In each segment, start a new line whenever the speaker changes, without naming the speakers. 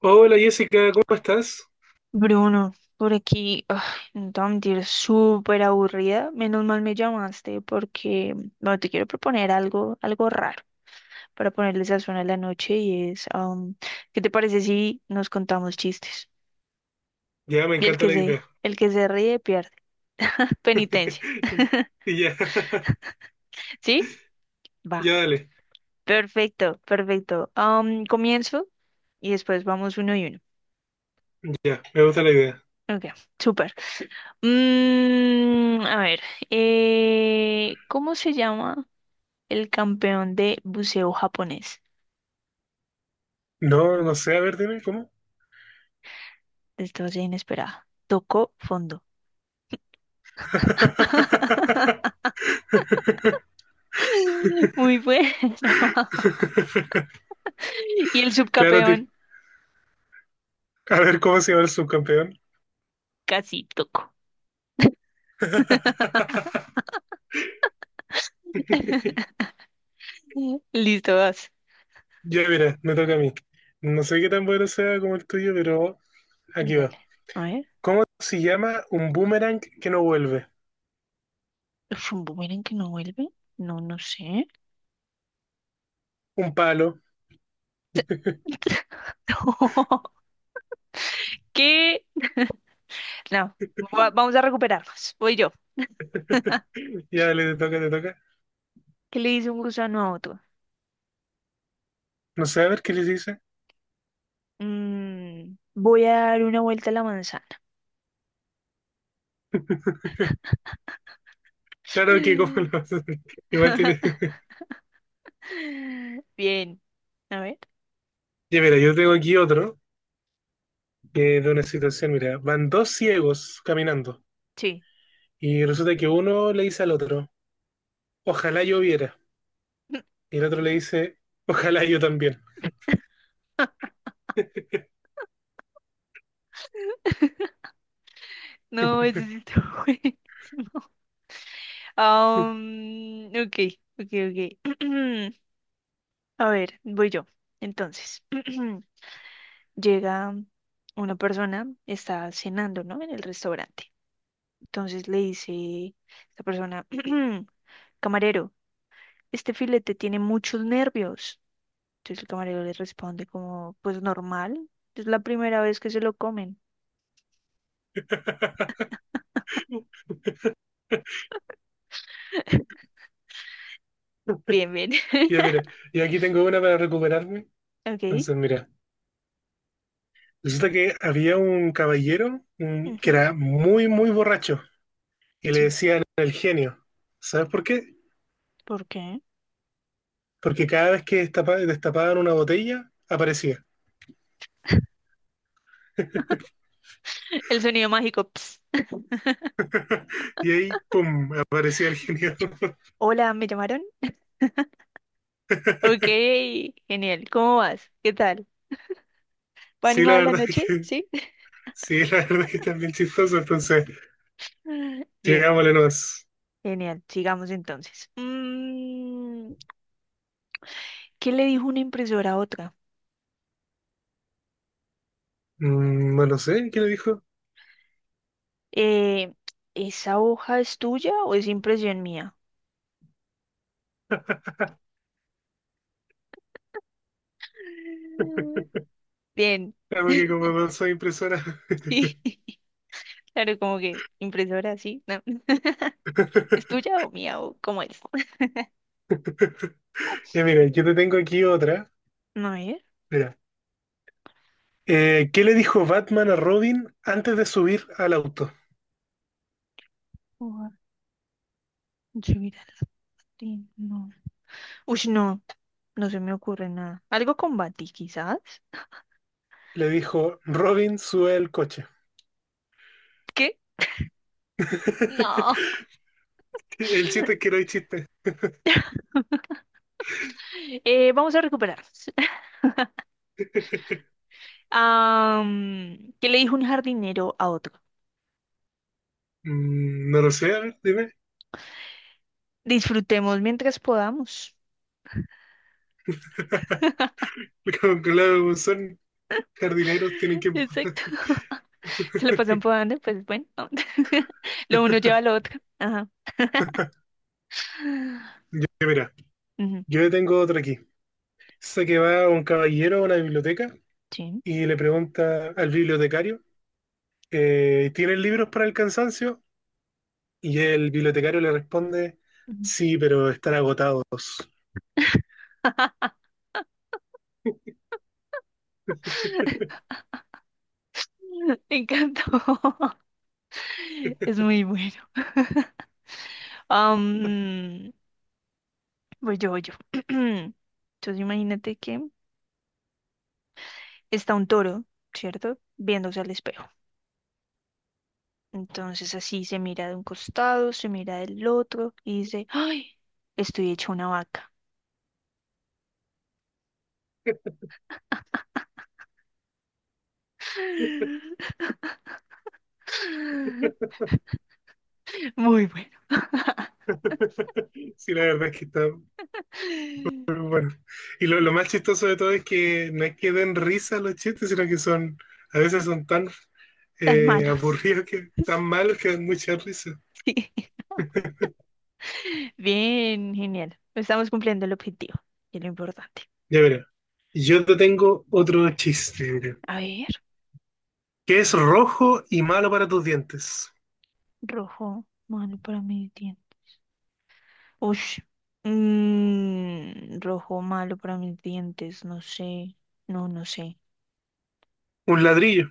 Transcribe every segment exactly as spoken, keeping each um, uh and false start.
Hola Jessica, ¿cómo estás?
Bruno, por aquí, ay, no te voy a mentir, súper aburrida. Menos mal me llamaste porque, bueno, te quiero proponer algo, algo raro para ponerle sazón a la noche y es, am, ¿qué te parece si nos contamos chistes?
Ya me
Y el
encanta
que
la idea.
se, el que se ríe pierde. Penitencia,
Y ya,
¿sí? Va.
ya dale,
Perfecto, perfecto. Am, comienzo y después vamos uno y uno.
ya, me gusta la idea.
Ok, súper. Mm, a ver, eh, ¿cómo se llama el campeón de buceo japonés?
No, no sé, a ver, dime, ¿cómo?
Desgracia inesperada. Tocó fondo. Muy bueno. Y el
Claro, Tir.
subcampeón
A ver, ¿cómo se llama el subcampeón?
casi tocó. Listo, vas.
Ya, mira, me toca a mí. No sé qué tan bueno sea como el tuyo, pero aquí va.
Dale. A ver.
¿Cómo se llama un boomerang que no vuelve?
Rumbo, miren que no vuelve. No, no sé.
Un palo.
No. ¿Qué? No. Va- vamos a recuperarnos. Voy yo.
Ya, dale, te toca, te toca.
¿Qué le dice un gusano a otro?
No sé, a ver qué les dice.
Mm, voy a dar una vuelta a la manzana.
Claro que, como lo igual tiene.
Bien. A ver.
Ya, mira, yo tengo aquí otro que de una situación, mira, van dos ciegos caminando
Sí.
y resulta que uno le dice al otro, ojalá yo viera, y el otro le dice, ojalá yo también.
No, ese sí está buenísimo. Um, ok, ok, ok. A ver, voy yo. Entonces, llega una persona, está cenando, ¿no? En el restaurante. Entonces le dice esta persona, camarero, este filete tiene muchos nervios. Entonces el camarero le responde como, pues normal, es la primera vez que se lo comen. Bien, bien.
Ya, mira, y aquí tengo una para recuperarme.
Ok.
Entonces, mira, resulta que había un caballero mm, que
Ujú.
era muy, muy borracho y le
Sí.
decían el genio. ¿Sabes por qué?
¿Por qué?
Porque cada vez que destapa- destapaban una botella, aparecía.
El sonido mágico. Ps.
Y ahí, ¡pum!, aparecía el genio.
Hola, ¿me llamaron? Ok, genial. ¿Cómo vas? ¿Qué tal? ¿Va
Sí, la
animada la
verdad es
noche?
que
¿Sí?
sí, la verdad es que está bien chistoso, entonces
Bien,
llegámosle nomás.
genial. Sigamos entonces. Mm, ¿qué le dijo una impresora a otra?
Mm, bueno, no lo sé, ¿quién lo dijo?
Eh, ¿Esa hoja es tuya o es impresión mía? Bien.
Ah, porque como no soy impresora.
Sí. Claro, como que impresora, sí. No. ¿Es tuya o mía o cómo es?
Ya mira, yo te tengo aquí otra.
No, ¿eh?
Mira, Eh, ¿qué le dijo Batman a Robin antes de subir al auto?
Subir al tren, no. Uy, no, no se me ocurre nada. Algo con Bati, quizás.
Le dijo, Robin, sube el coche.
¿Qué? No.
El chiste es que no hay chiste.
Eh, vamos a recuperar. Am, ¿qué le dijo un jardinero a otro?
Mm, no lo sé, a ver, dime.
Disfrutemos mientras podamos.
Como- claro, son jardineros, tienen que...
Exacto. Se lo pasan podando, pues bueno. Lo uno lleva lo otro. Ajá.
Ya, mira,
Ujú.
yo tengo otra aquí. Sé que va un caballero a una biblioteca
Sí.
y le pregunta al bibliotecario, eh, ¿tienen libros para el cansancio? Y el bibliotecario le responde,
Ujú.
sí, pero están agotados.
Me encantó. Es muy bueno. Am, voy yo, voy yo. Entonces imagínate que está un toro, ¿cierto? Viéndose al espejo. Entonces así se mira de un costado, se mira del otro y dice, ¡ay! Estoy hecho una vaca. Muy bueno.
Sí, la verdad es que está muy bueno. Y lo, lo más chistoso de todo es que no es que den risa los chistes, sino que son, a veces son tan
Tan
eh,
malos.
aburridos que tan malos que dan mucha risa.
Sí. Bien, genial. Estamos cumpliendo el objetivo y lo importante.
Ya verá. Yo te tengo otro chiste, mira,
A ver,
que es rojo y malo para tus dientes.
rojo, malo para mí. Ush. Mm, rojo malo para mis dientes, no sé. No, no sé.
Un ladrillo.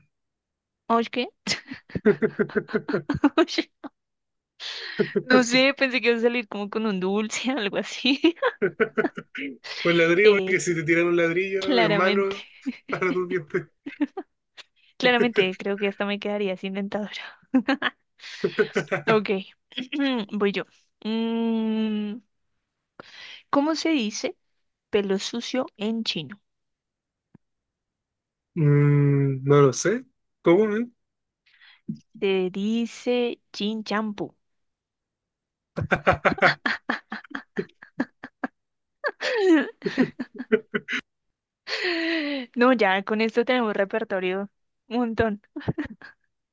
Ush, ¿qué? Ush, no sé, pensé que iba a salir como con un dulce, algo así.
O el ladrillo, porque
Eh,
si te tiran un ladrillo es
Claramente,
malo para tus dientes.
claramente, creo que hasta me quedaría sin dentadura. Ok, voy yo. Mm, ¿cómo se dice pelo sucio en chino?
Mm, no lo sé. ¿Cómo? ¿Eh?
Se dice chin champú. No, ya con esto tenemos repertorio un montón.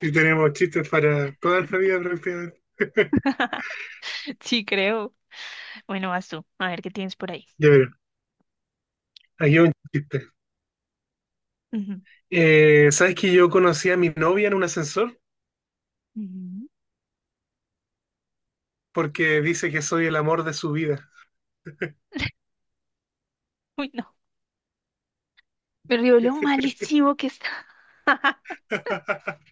Y tenemos chistes para toda la vida prácticamente.
Sí, creo. Bueno, vas tú. A ver qué tienes por ahí.
Ya verás, aquí hay un chiste.
Ujú,
Eh, ¿sabes que yo conocí a mi novia en un ascensor?
ujú.
Porque dice que soy el amor de su vida.
Uy, no. Me río lo malísimo que está.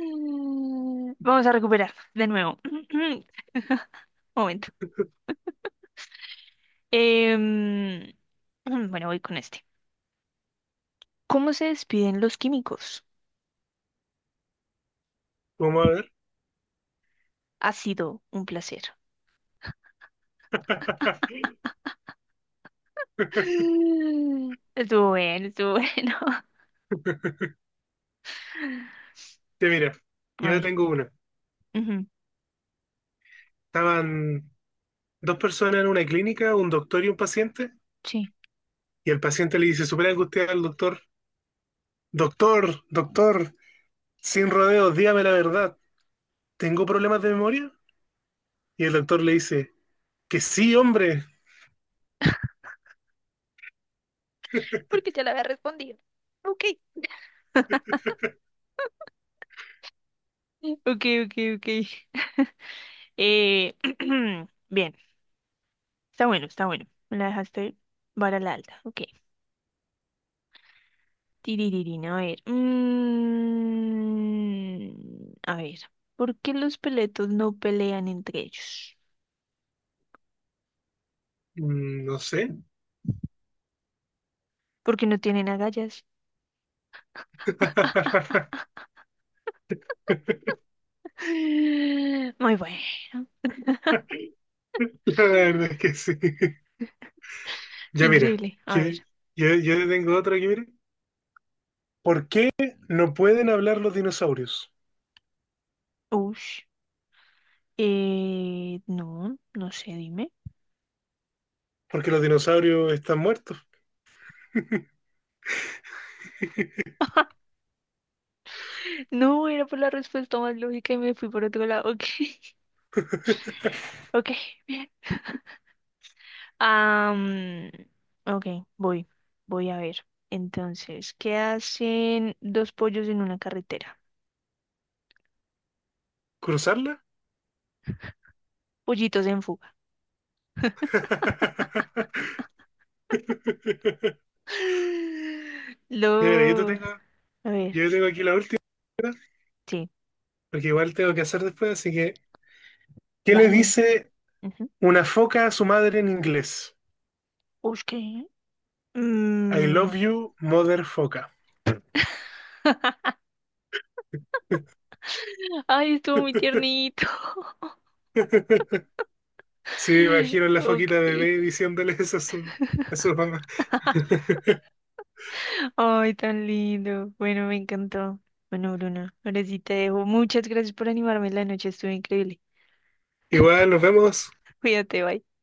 Mm, vamos a recuperar de nuevo. Momento. Em, bueno, voy con este. ¿Cómo se despiden los químicos?
Vamos a ver.
Ha sido un placer. Estuvo bueno, estuvo bueno.
Ya mira,
A
yo
ver.
tengo una.
Ujú.
Estaban dos personas en una clínica, un doctor y un paciente.
Sí.
Y el paciente le dice, súper angustiado al doctor, doctor, doctor, sin rodeos, dígame la verdad, ¿tengo problemas de memoria? Y el doctor le dice, que sí, hombre.
Porque ya le había respondido. Ok. Ok, ok, ok. Eh, bien, está bueno, está bueno. Me la dejaste vara a la alta. Ok. Tirirín, a ver. Mm, a ver. ¿Por qué los peletos no pelean entre ellos?
Mm, no sé.
Porque no tienen agallas. Muy bueno.
La verdad es que sí. Ya mira,
Increíble. A
yo,
ver.
yo, yo te tengo otro aquí, mira. ¿Por qué no pueden hablar los dinosaurios?
Ush. Eh, no, no sé, dime.
Porque los dinosaurios están muertos.
No, era por la respuesta más lógica y me fui por otro lado. Ok. Ok, bien. Am, ok, voy, voy a ver. Entonces, ¿qué hacen dos pollos en una carretera?
¿Cruzarla?
Pollitos en fuga.
Ya mira, yo te
Lo,
tengo,
a ver,
yo tengo aquí la última,
sí,
porque igual tengo que hacer después, así que ¿qué le
dale.
dice
Ujú.
una foca a su madre en inglés?
Ush, ¿qué?
I
Mm,
love you, mother foca.
ay, estuvo muy tiernito.
Sí, me imagino la foquita
Ok.
bebé diciéndole eso a su, a su mamá.
Ay, tan lindo. Bueno, me encantó. Bueno, Bruna, ahora sí te dejo. Muchas gracias por animarme en la noche, estuvo increíble.
Igual nos vemos.
Cuídate, bye.